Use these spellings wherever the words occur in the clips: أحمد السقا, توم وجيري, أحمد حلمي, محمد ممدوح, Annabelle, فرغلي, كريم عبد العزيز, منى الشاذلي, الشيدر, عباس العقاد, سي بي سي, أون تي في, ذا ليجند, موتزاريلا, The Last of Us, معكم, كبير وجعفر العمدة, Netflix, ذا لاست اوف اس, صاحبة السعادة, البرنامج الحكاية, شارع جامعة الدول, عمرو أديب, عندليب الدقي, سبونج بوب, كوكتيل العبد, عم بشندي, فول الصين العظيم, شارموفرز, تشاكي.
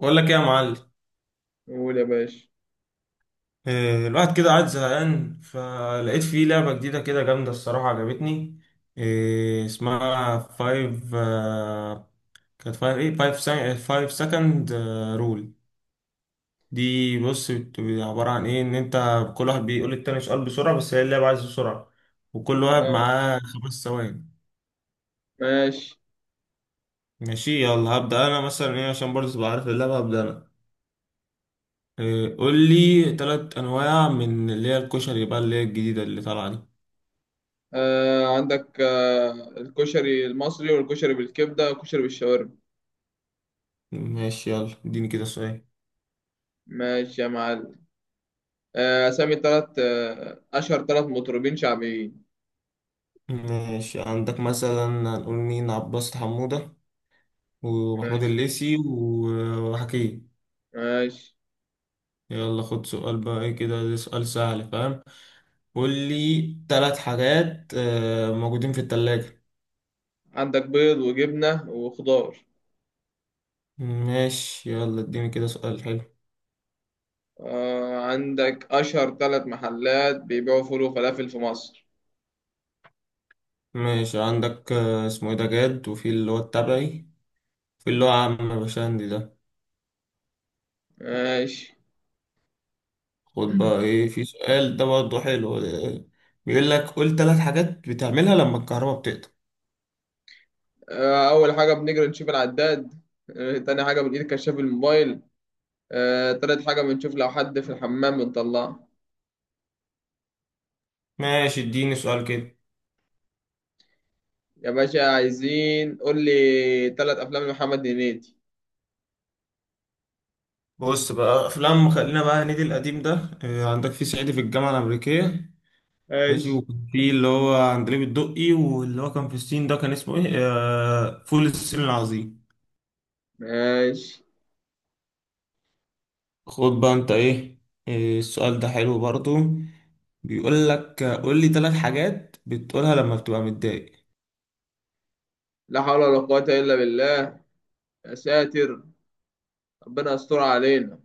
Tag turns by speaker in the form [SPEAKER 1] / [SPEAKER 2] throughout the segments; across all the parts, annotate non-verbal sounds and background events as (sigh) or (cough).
[SPEAKER 1] بقول لك ايه يا معلم؟
[SPEAKER 2] قول يا باشا.
[SPEAKER 1] إيه، الواحد كده قاعد زهقان، فلقيت فيه لعبة جديدة كده جامدة الصراحة عجبتني. إيه، اسمها فايف كانت فايف ايه فايف فايف سكند رول. دي بص عبارة عن ايه ان انت كل واحد بيقول للتاني سؤال بسرعة، بس هي اللعبة عايزة سرعة، وكل واحد
[SPEAKER 2] آه.
[SPEAKER 1] معاه 5 ثواني.
[SPEAKER 2] ماشي.
[SPEAKER 1] ماشي، يلا هبدأ انا مثلا ايه عشان برضه تبقى عارف اللعبة، هبدأ انا. إيه، قول لي 3 انواع من اللي هي الكشري بقى، اللي هي الجديدة اللي طالعة دي.
[SPEAKER 2] آه، عندك الكشري المصري والكشري بالكبدة والكشري بالشاورما.
[SPEAKER 1] ماشي، يلا اديني كده سؤال.
[SPEAKER 2] ماشي يا معلم. أسامي تلات آه أشهر 3 مطربين شعبيين.
[SPEAKER 1] ماشي، عندك مثلا هنقول مين؟ عباس حمودة، ومحمود الليثي، و- وحكيم.
[SPEAKER 2] ماشي.
[SPEAKER 1] يلا خد سؤال بقى. ايه كده، ده سؤال سهل فاهم. قول لي 3 حاجات موجودين في الثلاجة.
[SPEAKER 2] عندك بيض وجبنة وخضار.
[SPEAKER 1] ماشي، يلا اديني كده سؤال حلو.
[SPEAKER 2] آه، عندك أشهر 3 محلات بيبيعوا فول وفلافل في مصر.
[SPEAKER 1] ماشي، عندك اسمه ايه ده، جاد، وفي اللي هو التبعي، في اللي هو عم بشندي ده.
[SPEAKER 2] ماشي.
[SPEAKER 1] خد بقى ايه، في سؤال ده برضه حلو. بيقول لك قول 3 حاجات بتعملها لما الكهرباء بتقطع.
[SPEAKER 2] أول حاجة بنجري نشوف العداد. تاني حاجة بنجيب كشاف الموبايل. تالت حاجة بنشوف لو حد في الحمام بنطلعه.
[SPEAKER 1] ماشي، اديني سؤال كده.
[SPEAKER 2] يا باشا، عايزين قول لي 3 افلام لمحمد هنيدي.
[SPEAKER 1] بص بقى افلام، خلينا بقى هنيدي القديم ده. عندك في صعيدي في الجامعه الامريكيه. ماشي،
[SPEAKER 2] ماشي.
[SPEAKER 1] وكان في اللي هو عندليب الدقي، واللي هو كان في الصين ده كان اسمه ايه؟ آه، فول الصين العظيم.
[SPEAKER 2] ماشي.
[SPEAKER 1] خد بقى انت ايه. السؤال ده حلو برضو، بيقول لك قول لي 3 حاجات بتقولها لما بتبقى متضايق.
[SPEAKER 2] لا حول ولا قوة الا بالله. يا ساتر. ربنا يستر علينا.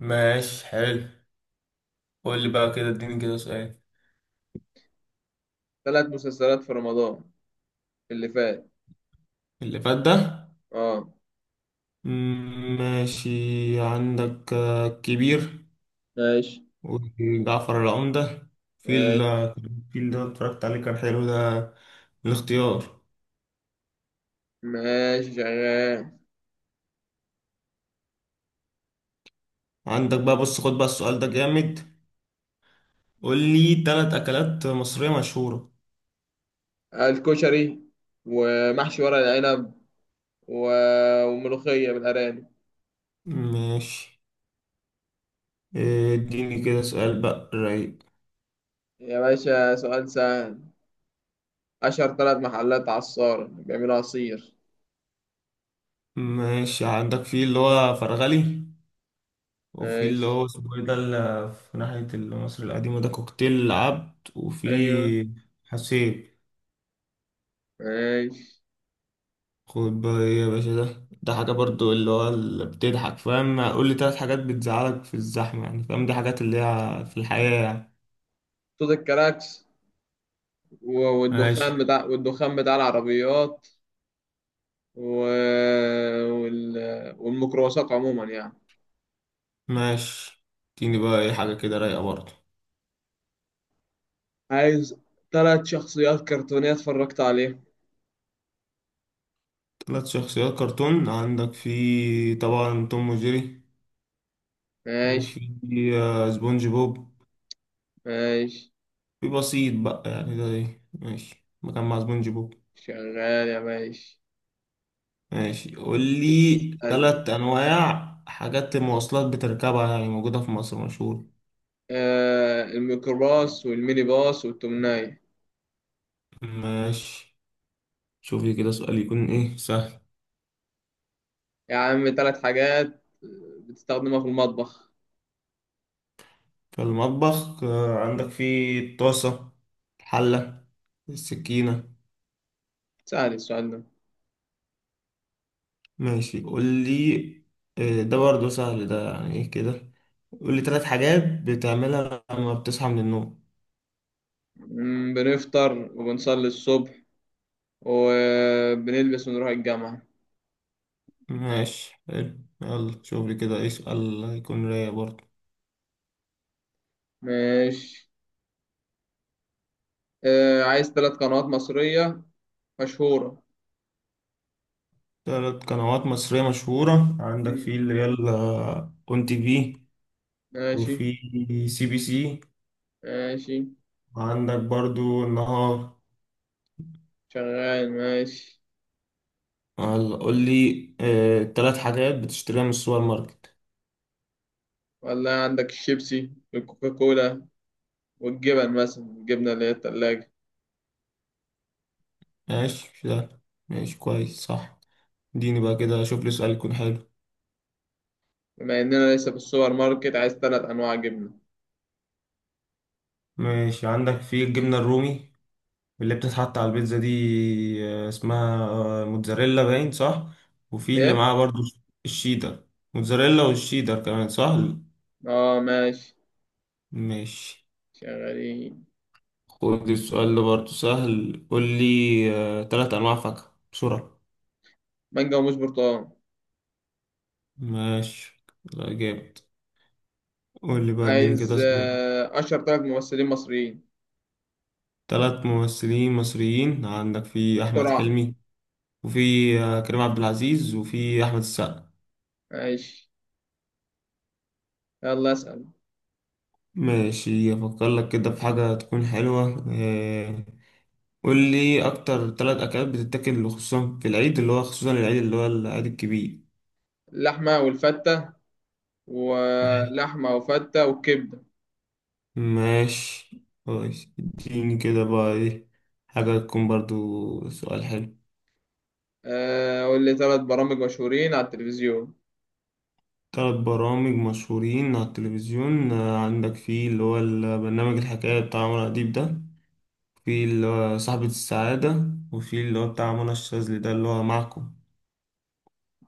[SPEAKER 1] ماشي حلو، قول لي بقى كده، اديني كده سؤال.
[SPEAKER 2] 3 مسلسلات في رمضان اللي فات.
[SPEAKER 1] اللي فات ده؟
[SPEAKER 2] اه.
[SPEAKER 1] ماشي. عندك كبير،
[SPEAKER 2] ماشي.
[SPEAKER 1] وجعفر العمدة، في
[SPEAKER 2] ماشي.
[SPEAKER 1] ال- في اللي أنا اتفرجت عليه كان حلو ده، الاختيار.
[SPEAKER 2] ماشي شغال.
[SPEAKER 1] عندك بقى بص، خد بقى السؤال ده جامد. قول لي 3 أكلات مصرية مشهورة.
[SPEAKER 2] الكشري، ومحشي ورق العنب، و... وملوخية بالأرانب.
[SPEAKER 1] ماشي. إيه، اديني كده سؤال بقى رايق.
[SPEAKER 2] يا باشا، سؤال سهل. أشهر 3 محلات عصارة بيعملوا عصير.
[SPEAKER 1] ماشي، عندك في اللي هو فرغلي، وفي اللي
[SPEAKER 2] ماشي.
[SPEAKER 1] هو اسمه ايه ده اللي في ناحية مصر القديمة ده، كوكتيل العبد،
[SPEAKER 2] أيوه.
[SPEAKER 1] وفي حسين.
[SPEAKER 2] ماشي.
[SPEAKER 1] خد بقى ايه يا باشا، ده حاجة برضو اللي هو اللي بتضحك فاهم. قول لي 3 حاجات بتزعلك في الزحمة يعني، فاهم؟ دي حاجات اللي هي في الحياة يعني.
[SPEAKER 2] صوت الكراكس،
[SPEAKER 1] ماشي
[SPEAKER 2] والدخان بتاع العربيات، و... وال... والميكروباصات عموما يعني.
[SPEAKER 1] ماشي. اديني بقى ايه حاجة كده رايقة برضو.
[SPEAKER 2] عايز 3 شخصيات كرتونية اتفرجت عليهم.
[SPEAKER 1] 3 شخصيات كرتون عندك في طبعا توم وجيري، وفي
[SPEAKER 2] ماشي.
[SPEAKER 1] سبونج بوب،
[SPEAKER 2] ماشي.
[SPEAKER 1] في بسيط بقى يعني ده ايه، ماشي مكان مع سبونج بوب.
[SPEAKER 2] شغال يا باشا.
[SPEAKER 1] ماشي، قول لي
[SPEAKER 2] اسأل.
[SPEAKER 1] 3 انواع حاجات المواصلات بتركبها يعني، موجودة في مصر مشهور.
[SPEAKER 2] آه، الميكروباص والميني باص والتمناية.
[SPEAKER 1] ماشي. شوفي كده سؤال يكون ايه سهل.
[SPEAKER 2] يا عم، 3 حاجات بتستخدمها في المطبخ.
[SPEAKER 1] فالمطبخ عندك فيه الطاسة، الحلة، السكينة.
[SPEAKER 2] سهل السؤال ده.
[SPEAKER 1] ماشي، قول لي. ده برضه سهل، ده يعني ايه كده. قول لي ثلاث حاجات بتعملها لما بتصحى من النوم.
[SPEAKER 2] بنفطر وبنصلي الصبح، وبنلبس ونروح الجامعة.
[SPEAKER 1] ماشي حلو، يلا شوف لي كده ايه سؤال يكون رايق برضه.
[SPEAKER 2] ماشي. آه، عايز 3 قنوات مصرية مشهورة.
[SPEAKER 1] 3 قنوات مصرية مشهورة، عندك
[SPEAKER 2] مم.
[SPEAKER 1] في اللي هي اون تي في،
[SPEAKER 2] ماشي.
[SPEAKER 1] وفي سي بي سي،
[SPEAKER 2] ماشي.
[SPEAKER 1] وعندك برضو النهار.
[SPEAKER 2] شغال. ماشي.
[SPEAKER 1] يلا قول لي 3 حاجات بتشتريها من السوبر ماركت.
[SPEAKER 2] ولا عندك الشيبسي والكوكا كولا، والجبن مثلا، الجبنة اللي هي التلاجة.
[SPEAKER 1] ماشي ده. ماشي كويس صح. اديني بقى كده شوف لي سؤال يكون حلو.
[SPEAKER 2] بما إننا لسه في السوبر ماركت، عايز 3 أنواع جبنة.
[SPEAKER 1] ماشي، عندك في الجبنة الرومي اللي بتتحط على البيتزا دي، اسمها موتزاريلا باين صح، وفي اللي
[SPEAKER 2] إيه؟
[SPEAKER 1] معاها برضو الشيدر. موتزاريلا والشيدر كمان صح.
[SPEAKER 2] آه، ماشي.
[SPEAKER 1] ماشي.
[SPEAKER 2] شغالين.
[SPEAKER 1] خد السؤال ده برضو سهل، قول لي 3 أنواع فاكهة بسرعة.
[SPEAKER 2] مانجا وموز برتقال.
[SPEAKER 1] ماشي، لا جامد. قول لي بقى، اديني كده.
[SPEAKER 2] عايز أشهر 3 ممثلين مصريين.
[SPEAKER 1] 3 ممثلين مصريين، عندك في أحمد
[SPEAKER 2] بسرعة.
[SPEAKER 1] حلمي، وفي كريم عبد العزيز، وفي أحمد السقا.
[SPEAKER 2] ماشي. يلا اسأل.
[SPEAKER 1] ماشي، أفكر لك كده في حاجة تكون حلوة. قول لي أكتر 3 أكلات بتتاكل خصوصا في العيد، اللي هو خصوصا العيد اللي هو العيد الكبير.
[SPEAKER 2] اللحمة والفتة. ولحمة وفتة والكبدة.
[SPEAKER 1] ماشي كويس، اديني كده بقى إيه حاجة تكون برضو سؤال حلو.
[SPEAKER 2] آه، قول لي 3 برامج مشهورين على التلفزيون.
[SPEAKER 1] 3 برامج مشهورين على التلفزيون. عندك في اللي هو البرنامج الحكاية بتاع عمرو أديب ده، في اللي هو صاحبة السعادة، وفي اللي هو بتاع منى الشاذلي ده اللي هو معكم.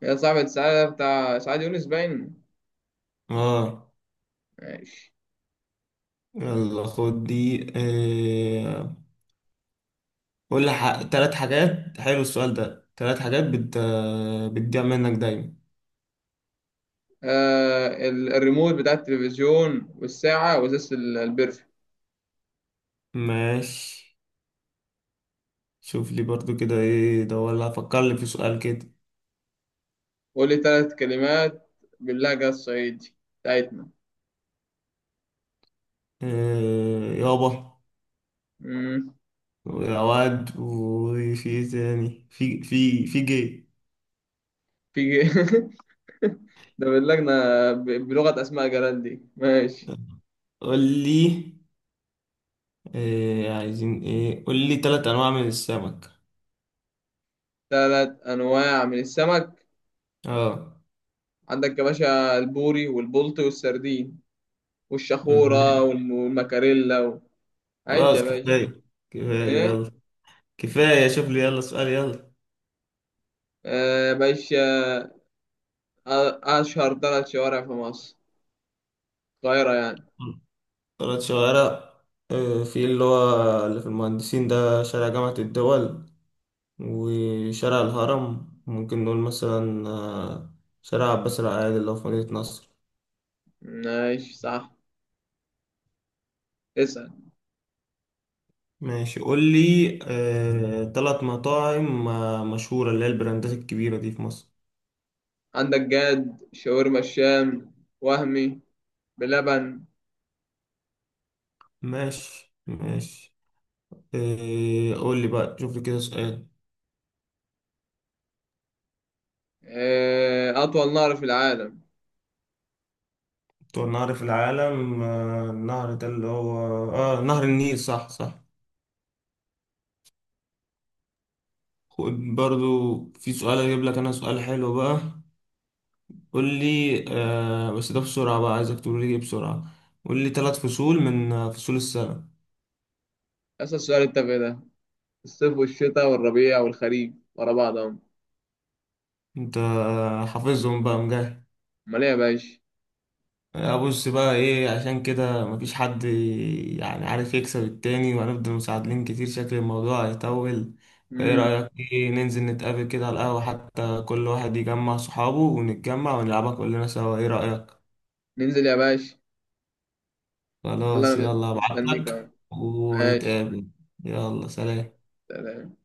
[SPEAKER 2] يا صاحبي، سعادة بتاع سعاد يونس باين.
[SPEAKER 1] اه.
[SPEAKER 2] ماشي.
[SPEAKER 1] يلا خد دي. آه. قول لي 3 حاجات. حلو السؤال ده، 3 حاجات بتضيع منك دايما.
[SPEAKER 2] الريموت بتاع التلفزيون، والساعة، وإزازة البرفي.
[SPEAKER 1] ماشي، شوف لي برضو كده ايه ده، ولا فكر لي في سؤال كده.
[SPEAKER 2] قول لي 3 كلمات باللهجة الصعيدي بتاعتنا.
[SPEAKER 1] آه. يابا،
[SPEAKER 2] مم.
[SPEAKER 1] ويا واد، وفي إيه تاني، في جي.
[SPEAKER 2] في (laughs) ده باللجنة. بلغة أسماء جلال دي. ماشي.
[SPEAKER 1] قول لي. آه. عايزين ايه؟ قول لي تلات انواع من السمك.
[SPEAKER 2] 3 أنواع من السمك.
[SPEAKER 1] اه.
[SPEAKER 2] عندك يا باشا البوري والبلطي والسردين
[SPEAKER 1] ماشي.
[SPEAKER 2] والشخورة والمكاريلا. عد يا
[SPEAKER 1] خلاص
[SPEAKER 2] باشا.
[SPEAKER 1] كفاية. كفاية
[SPEAKER 2] إيه.
[SPEAKER 1] يلا. كفاية، شوف لي يلا سؤال يلا.
[SPEAKER 2] آه، باشا. آه، أشهر 3 شوارع في مصر، القاهرة يعني.
[SPEAKER 1] 3 شوارع، في اللي هو اللي في المهندسين ده شارع جامعة الدول، وشارع الهرم، ممكن نقول مثلا شارع عباس العقاد اللي هو في مدينة نصر.
[SPEAKER 2] ماشي صح. اسأل.
[SPEAKER 1] ماشي، قول لي 3 مطاعم مشهورة، اللي هي البراندات الكبيرة دي في مصر.
[SPEAKER 2] عندك جاد، شاورما الشام، وهمي بلبن.
[SPEAKER 1] ماشي ماشي. قول لي بقى، شوف لي كده سؤال.
[SPEAKER 2] آه، أطول نهر في العالم.
[SPEAKER 1] أطول نهر في العالم، النهر ده اللي هو آه نهر النيل. صح صح. برضو في سؤال أجيب لك أنا سؤال حلو بقى. قول لي آه بس ده بسرعة بقى، عايزك تقول لي بسرعة. قول لي 3 فصول من فصول السنة.
[SPEAKER 2] أسأل السؤال التافه ده. الصيف والشتاء والربيع والخريف ورا بعضهم.
[SPEAKER 1] أنت حافظهم بقى مجاهد.
[SPEAKER 2] أمال إيه يا باشا.
[SPEAKER 1] ابص بقى ايه، عشان كده مفيش حد يعني عارف يكسب التاني، وهنفضل مساعدين كتير، شكل الموضوع هيطول. فايه
[SPEAKER 2] مم.
[SPEAKER 1] رأيك، ايه ننزل نتقابل كده على القهوة، حتى كل واحد يجمع صحابه ونتجمع ونلعبها كلنا سوا، ايه رأيك؟
[SPEAKER 2] ننزل يا باشا. يلا
[SPEAKER 1] خلاص
[SPEAKER 2] أنا
[SPEAKER 1] يلا،
[SPEAKER 2] مستنيك أهو.
[SPEAKER 1] ابعتلك
[SPEAKER 2] ماشي.
[SPEAKER 1] ونتقابل. يلا سلام.
[SPEAKER 2] سلام.